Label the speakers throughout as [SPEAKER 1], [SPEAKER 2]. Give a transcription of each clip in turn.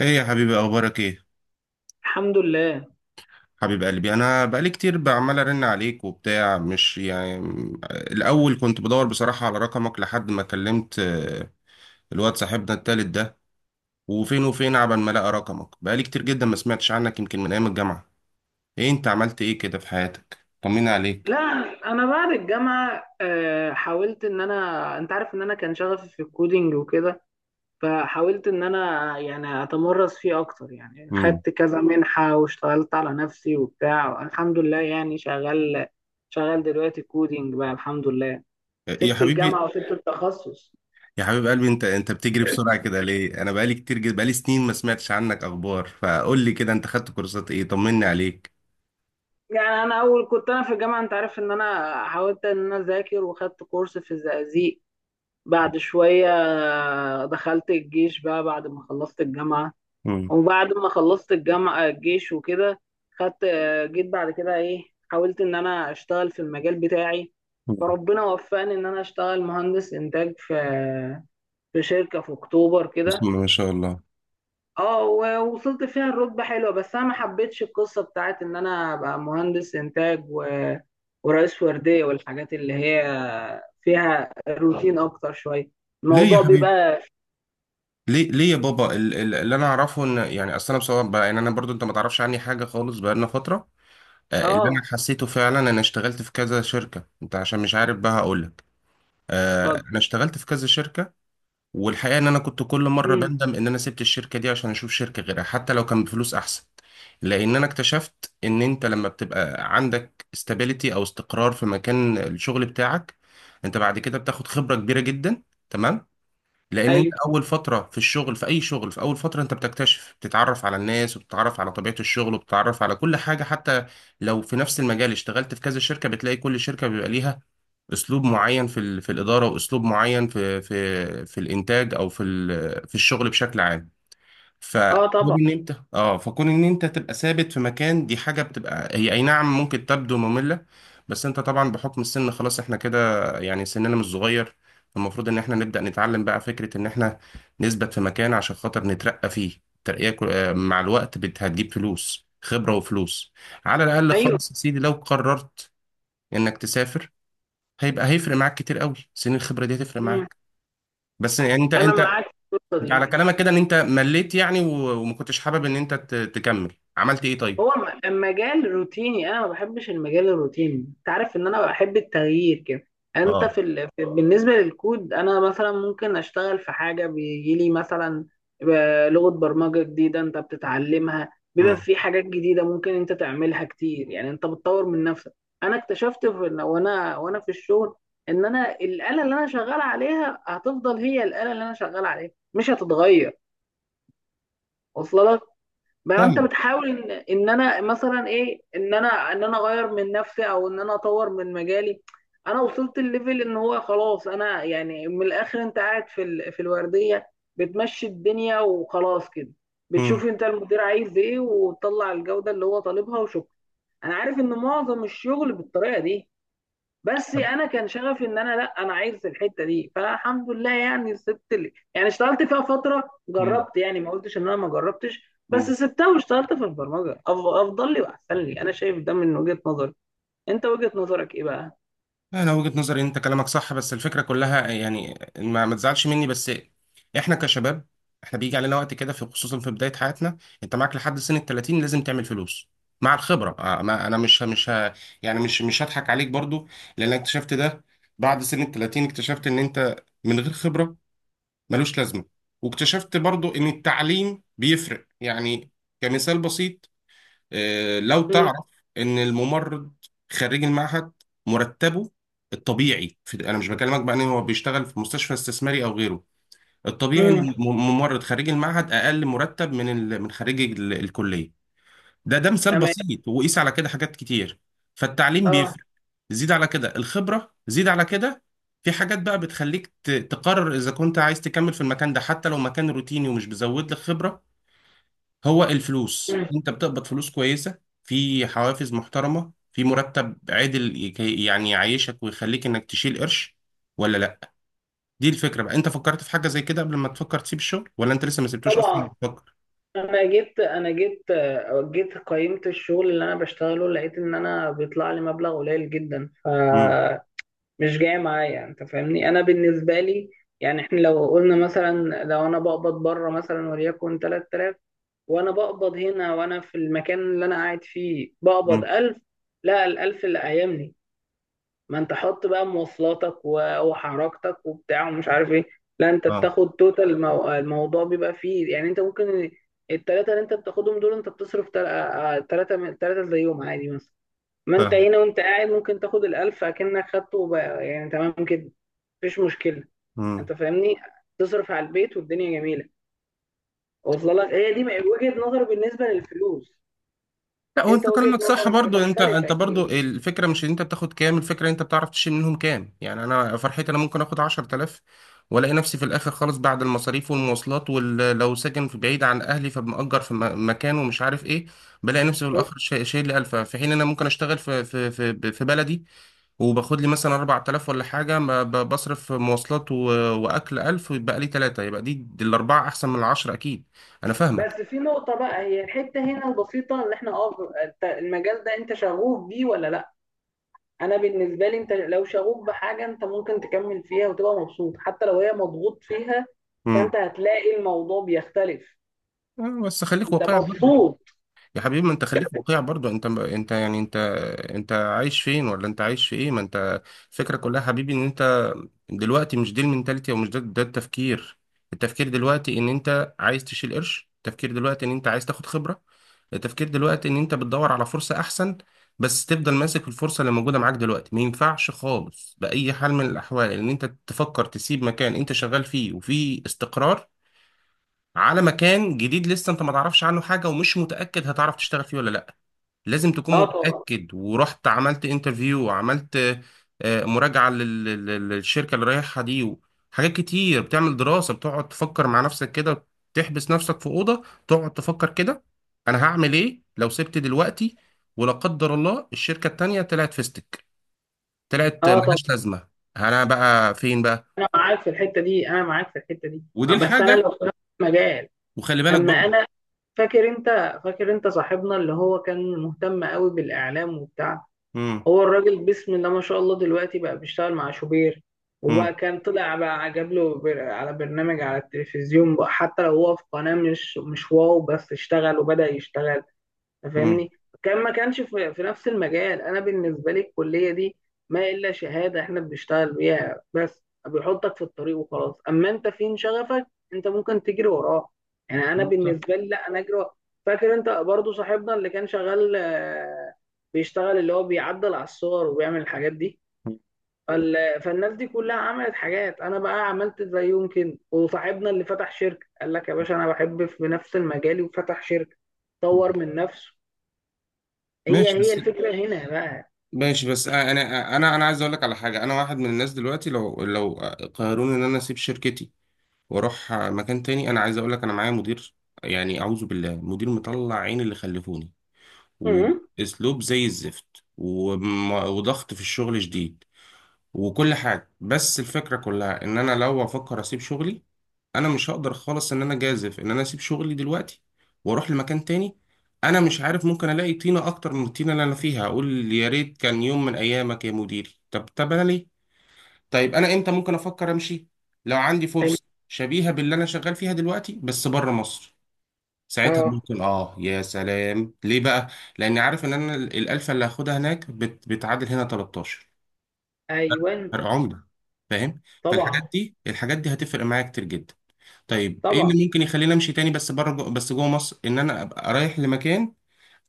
[SPEAKER 1] ايه يا حبيبي، اخبارك ايه؟
[SPEAKER 2] الحمد لله.
[SPEAKER 1] حبيب قلبي، انا بقالي كتير بعمل ارن عليك وبتاع، مش يعني، الاول كنت بدور بصراحة على رقمك لحد ما كلمت، الواد صاحبنا التالت ده. وفين وفين عبال ما لقى رقمك، بقالي كتير جدا ما سمعتش عنك، يمكن من ايام الجامعة. ايه انت عملت ايه كده في حياتك؟ طمني
[SPEAKER 2] لا،
[SPEAKER 1] عليك.
[SPEAKER 2] انا بعد الجامعه حاولت ان انا انت عارف ان انا كان شغفي في الكودينج وكده. فحاولت ان انا يعني اتمرس فيه اكتر، يعني
[SPEAKER 1] امم.
[SPEAKER 2] خدت كذا منحه واشتغلت على نفسي وبتاع. الحمد لله يعني شغال دلوقتي كودينج بقى. الحمد لله.
[SPEAKER 1] يا
[SPEAKER 2] سبت
[SPEAKER 1] حبيبي،
[SPEAKER 2] الجامعه وسبت التخصص.
[SPEAKER 1] يا حبيب قلبي، انت بتجري بسرعة كده ليه؟ انا بقالي كتير جدا، بقالي سنين ما سمعتش عنك اخبار، فقول لي كده، انت خدت كورسات ايه؟ طمني عليك.
[SPEAKER 2] يعني انا اول كنت انا في الجامعه، انت عارف ان انا حاولت ان انا اذاكر وخدت كورس في الزقازيق. بعد شويه دخلت الجيش بقى بعد ما خلصت الجامعه.
[SPEAKER 1] امم.
[SPEAKER 2] وبعد ما خلصت الجامعة الجيش وكده، خدت آه، جيت بعد كده ايه، حاولت ان انا اشتغل في المجال بتاعي. فربنا وفقني ان انا اشتغل مهندس انتاج في شركة في اكتوبر
[SPEAKER 1] بسم
[SPEAKER 2] كده.
[SPEAKER 1] الله ما شاء الله.
[SPEAKER 2] اه، ووصلت فيها الرتبة حلوة. بس انا ما حبيتش القصة بتاعت ان انا ابقى مهندس انتاج ورئيس وردية والحاجات اللي هي فيها روتين اكتر شوية.
[SPEAKER 1] ليه يا
[SPEAKER 2] الموضوع
[SPEAKER 1] حبيبي؟
[SPEAKER 2] بيبقى.
[SPEAKER 1] ليه ليه يا بابا؟ اللي انا اعرفه ان، يعني اصل انا بصراحه بقى، يعني انا برضو، انت ما تعرفش عني حاجه خالص بقالنا فتره. اللي انا
[SPEAKER 2] اه.
[SPEAKER 1] حسيته فعلا، انا اشتغلت في كذا شركه، انت عشان مش عارف بقى هقول لك.
[SPEAKER 2] اتفضل.
[SPEAKER 1] انا اشتغلت في كذا شركه. والحقيقه ان انا كنت كل مره
[SPEAKER 2] مم.
[SPEAKER 1] بندم ان انا سبت الشركه دي، عشان اشوف شركه غيرها، حتى لو كان بفلوس احسن. لان انا اكتشفت ان انت لما بتبقى عندك استابيليتي او استقرار في مكان الشغل بتاعك، انت بعد كده بتاخد خبره كبيره جدا، تمام. لان انت
[SPEAKER 2] ايوه.
[SPEAKER 1] اول فتره في الشغل، في اي شغل، في اول فتره انت بتكتشف، بتتعرف على الناس، وبتتعرف على طبيعه الشغل، وبتتعرف على كل حاجه، حتى لو في نفس المجال اشتغلت في كذا شركه بتلاقي كل شركه بيبقى ليها اسلوب معين في الاداره، واسلوب معين في الانتاج، او في الشغل بشكل عام.
[SPEAKER 2] اه طبعا.
[SPEAKER 1] فكون ان انت تبقى ثابت في مكان، دي حاجه بتبقى هي اي نعم ممكن تبدو ممله. بس انت طبعا بحكم السن، خلاص احنا كده يعني سننا مش صغير. المفروض ان احنا نبدا نتعلم بقى فكره ان احنا نثبت في مكان عشان خاطر نترقى فيه ترقيه، مع الوقت هتجيب فلوس، خبره وفلوس. على الاقل
[SPEAKER 2] ايوه.
[SPEAKER 1] خالص يا سيدي، لو قررت انك تسافر، هيبقى هيفرق معاك كتير قوي، سن الخبره دي هتفرق
[SPEAKER 2] مم.
[SPEAKER 1] معاك. بس يعني، انت
[SPEAKER 2] انا
[SPEAKER 1] انت
[SPEAKER 2] معاك في القصه
[SPEAKER 1] انت على
[SPEAKER 2] دي.
[SPEAKER 1] كلامك كده ان انت مليت، يعني وما كنتش حابب ان انت تكمل. عملت ايه طيب؟
[SPEAKER 2] هو مجال روتيني. انا ما بحبش المجال الروتيني. انت عارف ان انا بحب التغيير كده.
[SPEAKER 1] اه.
[SPEAKER 2] في بالنسبه للكود، انا مثلا ممكن اشتغل في حاجه بيجي لي مثلا لغه برمجه جديده. انت بتتعلمها، بيبقى
[SPEAKER 1] امم.
[SPEAKER 2] في حاجات جديده ممكن انت تعملها كتير، يعني انت بتطور من نفسك. انا اكتشفت وانا في الشغل ان انا الاله اللي انا شغال عليها هتفضل هي الاله اللي انا شغال عليها، مش هتتغير. واصله لك؟ ما انت
[SPEAKER 1] فاهمك.
[SPEAKER 2] بتحاول ان ان انا مثلا ايه، ان انا اغير من نفسي او ان انا اطور من مجالي. انا وصلت الليفل ان هو خلاص. انا يعني من الاخر انت قاعد في الورديه، بتمشي الدنيا وخلاص كده.
[SPEAKER 1] امم.
[SPEAKER 2] بتشوف انت المدير عايز ايه وتطلع الجوده اللي هو طالبها وشكرا. انا عارف ان معظم الشغل بالطريقه دي. بس
[SPEAKER 1] طب.
[SPEAKER 2] انا كان شغفي، ان انا لا، انا عايز الحته دي. فالحمد لله يعني سبت لي، يعني اشتغلت فيها فتره.
[SPEAKER 1] امم.
[SPEAKER 2] جربت، يعني ما قلتش ان انا ما جربتش،
[SPEAKER 1] امم.
[SPEAKER 2] بس سبتها واشتغلت في البرمجه. افضل لي واحسن لي، انا شايف ده من وجهه نظري. انت وجهه نظرك ايه بقى؟
[SPEAKER 1] انا وجهة نظري ان انت كلامك صح، بس الفكره كلها يعني، ما تزعلش مني بس. احنا كشباب، احنا بيجي علينا وقت كده، في خصوصا في بدايه حياتنا. انت معاك لحد سن ال 30 لازم تعمل فلوس مع الخبره، ما انا مش يعني مش هضحك عليك برضو. لان اكتشفت ده بعد سن ال 30، اكتشفت ان انت من غير خبره ملوش لازمة. واكتشفت برضو ان التعليم بيفرق يعني. كمثال بسيط، لو
[SPEAKER 2] مم.
[SPEAKER 1] تعرف ان الممرض خريج المعهد مرتبه، الطبيعي، في، انا مش بكلمك بقى ان هو بيشتغل في مستشفى استثماري او غيره، الطبيعي
[SPEAKER 2] مم.
[SPEAKER 1] ان الممرض خريج المعهد اقل مرتب من خريج الكلية. ده مثال
[SPEAKER 2] تمام.
[SPEAKER 1] بسيط، وقيس على كده حاجات كتير. فالتعليم
[SPEAKER 2] اه.
[SPEAKER 1] بيفرق. زيد على كده الخبرة، زيد على كده، في حاجات بقى بتخليك تقرر إذا كنت عايز تكمل في المكان ده، حتى لو مكان روتيني ومش بيزود لك خبرة. هو الفلوس،
[SPEAKER 2] مم.
[SPEAKER 1] أنت بتقبض فلوس كويسة، في حوافز محترمة، في مرتب عادل يعني يعيشك ويخليك إنك تشيل قرش، ولا لأ؟ دي الفكرة بقى. أنت فكرت في حاجة زي كده قبل ما تفكر تسيب الشغل، ولا أنت لسه ما سبتوش أصلا
[SPEAKER 2] طبعا.
[SPEAKER 1] بتفكر؟
[SPEAKER 2] انا جيت انا جيت آه، جيت قيمت الشغل اللي انا بشتغله، لقيت ان انا بيطلع لي مبلغ قليل جدا. ف
[SPEAKER 1] امم.
[SPEAKER 2] مش جاية معايا. انت فاهمني؟ انا بالنسبة لي، يعني احنا لو قلنا مثلا، لو انا بقبض بره مثلا وليكن 3000، وانا بقبض هنا، وانا في المكان اللي انا قاعد فيه بقبض
[SPEAKER 1] امم.
[SPEAKER 2] 1000. لا، ال 1000 اللي قايمني. ما انت حط بقى مواصلاتك وحركتك وبتاع ومش عارف ايه. لا، انت
[SPEAKER 1] اه.
[SPEAKER 2] بتاخد توتال الموضوع. بيبقى فيه يعني انت ممكن التلاتة اللي انت بتاخدهم دول انت بتصرف تلاتة تلاتة زيهم عادي مثلا. ما انت
[SPEAKER 1] فاهم.
[SPEAKER 2] هنا وانت قاعد ممكن تاخد الألف أكنك خدته، وبقى يعني تمام كده. مفيش مشكله.
[SPEAKER 1] مم.
[SPEAKER 2] انت فاهمني؟ تصرف على البيت والدنيا جميله. واصله لك؟ هي دي وجهه نظر بالنسبه للفلوس.
[SPEAKER 1] لا
[SPEAKER 2] انت
[SPEAKER 1] وانت
[SPEAKER 2] وجهه
[SPEAKER 1] كلامك صح
[SPEAKER 2] نظرك
[SPEAKER 1] برضو، انت
[SPEAKER 2] بتختلف
[SPEAKER 1] انت
[SPEAKER 2] اكيد.
[SPEAKER 1] برضو الفكره مش ان انت بتاخد كام، الفكره ان انت بتعرف تشيل منهم كام. يعني انا فرحتي انا ممكن اخد 10,000، والاقي نفسي في الاخر خالص بعد المصاريف والمواصلات، ولو ساكن في بعيد عن اهلي فمأجر في مكان ومش عارف ايه، بلاقي نفسي في
[SPEAKER 2] شوف،
[SPEAKER 1] الاخر شايل لي 1000، في حين انا ممكن اشتغل في بلدي وباخد لي مثلا 4000 ولا حاجه، ما بصرف مواصلات واكل 1000 ويبقى لي 3، يبقى دي الاربعه احسن من العشره اكيد. انا
[SPEAKER 2] بس
[SPEAKER 1] فاهمك.
[SPEAKER 2] في نقطه بقى، هي الحته هنا البسيطه اللي احنا انت المجال ده، انت شغوف بيه ولا لا؟ انا بالنسبه لي، انت لو شغوف بحاجه انت ممكن تكمل فيها وتبقى مبسوط حتى لو هي مضغوط فيها.
[SPEAKER 1] امم.
[SPEAKER 2] فانت هتلاقي الموضوع بيختلف.
[SPEAKER 1] بس خليك
[SPEAKER 2] انت
[SPEAKER 1] واقعي.
[SPEAKER 2] مبسوط؟
[SPEAKER 1] يا حبيبي، ما انت خليك واقعي برضو، انت يعني انت، انت عايش فين ولا انت عايش في ايه؟ ما انت الفكره كلها يا حبيبي ان انت دلوقتي مش دي المنتاليتي، او مش ده التفكير. التفكير دلوقتي ان انت عايز تشيل قرش، التفكير دلوقتي ان انت عايز تاخد خبره، التفكير دلوقتي ان انت بتدور على فرصه احسن، بس تفضل ماسك في الفرصه اللي موجوده معاك دلوقتي. ما ينفعش خالص باي حال من الاحوال ان انت تفكر تسيب مكان انت شغال فيه وفيه استقرار، على مكان جديد لسه انت ما تعرفش عنه حاجه ومش متاكد هتعرف تشتغل فيه ولا لا. لازم تكون
[SPEAKER 2] اه طبعا.
[SPEAKER 1] متأكد ورحت عملت انترفيو وعملت مراجعة للشركة اللي رايحها دي، وحاجات كتير بتعمل دراسة، بتقعد تفكر مع نفسك كده، تحبس نفسك في أوضة تقعد تفكر كده: أنا هعمل إيه لو سبت دلوقتي؟ ولا قدر الله الشركة التانية طلعت فيستك، طلعت
[SPEAKER 2] اه طبعا.
[SPEAKER 1] ملهاش لازمة، أنا بقى فين بقى؟
[SPEAKER 2] انا معاك في الحته دي انا معاك في الحته دي
[SPEAKER 1] ودي
[SPEAKER 2] بس انا
[SPEAKER 1] الحاجة.
[SPEAKER 2] لو في نفس المجال.
[SPEAKER 1] وخلي بالك
[SPEAKER 2] اما
[SPEAKER 1] برضو.
[SPEAKER 2] انا، فاكر انت، صاحبنا اللي هو كان مهتم قوي بالاعلام وبتاع؟
[SPEAKER 1] مم.
[SPEAKER 2] هو الراجل بسم الله ما شاء الله دلوقتي بقى بيشتغل مع شوبير.
[SPEAKER 1] مم.
[SPEAKER 2] وبقى كان طلع بقى جاب له على برنامج على التلفزيون بقى، حتى لو هو في قناة مش واو، بس اشتغل وبدأ يشتغل.
[SPEAKER 1] مم.
[SPEAKER 2] فاهمني؟ كان ما كانش في نفس المجال. انا بالنسبه لي الكليه دي ما الا شهاده احنا بنشتغل بيها، بس بيحطك في الطريق وخلاص. اما انت فين شغفك، انت ممكن تجري وراه. يعني انا
[SPEAKER 1] صح.
[SPEAKER 2] بالنسبه لي، لا، انا اجري وراه. فاكر انت برضو صاحبنا اللي كان شغال آه، بيشتغل، اللي هو بيعدل على الصور وبيعمل الحاجات دي. فالناس دي كلها عملت حاجات، انا بقى عملت زيهم كده. وصاحبنا اللي فتح شركه قال لك يا باشا انا بحب في نفس المجال وفتح شركه، طور من نفسه. هي
[SPEAKER 1] ماشي
[SPEAKER 2] هي
[SPEAKER 1] بس.
[SPEAKER 2] الفكرة هنا بقى.
[SPEAKER 1] ماشي بس انا عايز اقول لك على حاجه. انا واحد من الناس دلوقتي، لو قرروني ان انا اسيب شركتي واروح مكان تاني، انا عايز اقول لك، انا معايا مدير يعني اعوذ بالله، مدير مطلع عين اللي خلفوني،
[SPEAKER 2] امم.
[SPEAKER 1] واسلوب زي الزفت، وضغط في الشغل شديد، وكل حاجة. بس الفكرة كلها ان انا لو افكر اسيب شغلي، انا مش هقدر خالص ان انا جازف ان انا اسيب شغلي دلوقتي واروح لمكان تاني. انا مش عارف، ممكن الاقي طينة اكتر من الطينة اللي انا فيها، اقول يا ريت كان يوم من ايامك يا مديري. طب، انا ليه؟ طيب انا امتى ممكن افكر امشي؟ لو عندي
[SPEAKER 2] فاهم؟
[SPEAKER 1] فرصة شبيهة باللي انا شغال فيها دلوقتي بس بره مصر، ساعتها
[SPEAKER 2] اه.
[SPEAKER 1] ممكن. اه يا سلام، ليه بقى؟ لاني عارف ان انا الالفة اللي هاخدها هناك بتعادل هنا 13 فرق
[SPEAKER 2] ايوان.
[SPEAKER 1] عملة. فاهم؟
[SPEAKER 2] طبعا
[SPEAKER 1] فالحاجات دي، الحاجات دي هتفرق معايا كتير جدا. طيب ايه
[SPEAKER 2] طبعا.
[SPEAKER 1] اللي ممكن يخليني امشي تاني، بس بس جوه مصر، ان انا ابقى رايح لمكان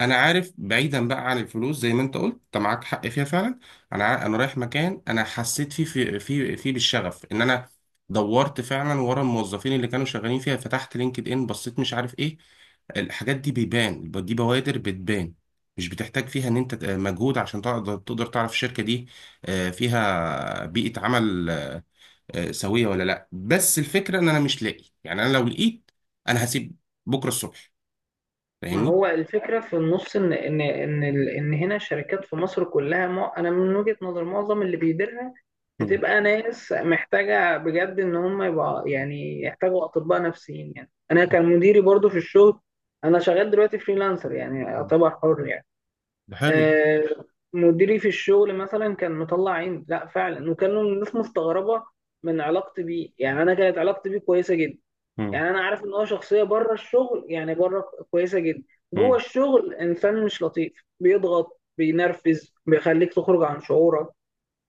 [SPEAKER 1] انا عارف، بعيدا بقى عن الفلوس زي ما انت قلت انت معاك حق فيها فعلا، انا رايح مكان انا حسيت فيه في في في بالشغف، ان انا دورت فعلا ورا الموظفين اللي كانوا شغالين فيها، فتحت لينكد ان، بصيت، مش عارف ايه. الحاجات دي بيبان، دي بوادر بتبان، مش بتحتاج فيها ان انت مجهود عشان تقدر تعرف الشركة دي فيها بيئة عمل سوية ولا لا. بس الفكرة ان انا مش لاقي، يعني انا لو لقيت، انا هسيب بكرة الصبح.
[SPEAKER 2] ما
[SPEAKER 1] فاهمني.
[SPEAKER 2] هو الفكرة في النص ان هنا الشركات في مصر كلها، انا من وجهة نظر معظم اللي بيديرها
[SPEAKER 1] مم.
[SPEAKER 2] بتبقى ناس محتاجة بجد، ان هم يبقى يعني يحتاجوا اطباء نفسيين. يعني انا كان مديري برضو في الشغل، انا شغال دلوقتي فريلانسر يعني اعتبر حر يعني.
[SPEAKER 1] ده حلو.
[SPEAKER 2] آه، مديري في الشغل مثلا كان مطلع عيني، لا فعلا، وكانوا الناس مستغربه من علاقتي بيه. يعني انا كانت علاقتي بيه كويسه جدا.
[SPEAKER 1] مم.
[SPEAKER 2] يعني انا عارف ان هو شخصيه بره الشغل، يعني بره كويسه جدا. جوه
[SPEAKER 1] مم.
[SPEAKER 2] الشغل انسان مش لطيف، بيضغط، بينرفز، بيخليك تخرج عن شعورك.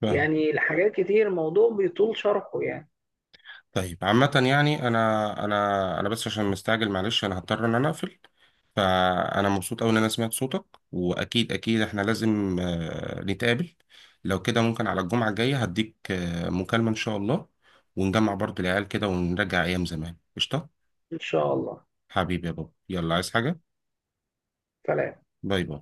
[SPEAKER 1] فاهم.
[SPEAKER 2] يعني حاجات كتير، الموضوع بيطول شرحه يعني.
[SPEAKER 1] طيب عامة يعني، أنا بس عشان مستعجل، معلش أنا هضطر إن أنا أقفل. فأنا مبسوط أوي إن أنا سمعت صوتك، وأكيد أكيد إحنا لازم نتقابل. لو كده ممكن على الجمعة الجاية هديك مكالمة إن شاء الله، ونجمع برضو العيال كده ونرجع أيام زمان، قشطة.
[SPEAKER 2] ان شاء الله.
[SPEAKER 1] حبيبي يا بابا، يلا، عايز حاجة؟
[SPEAKER 2] فلا.
[SPEAKER 1] باي باي.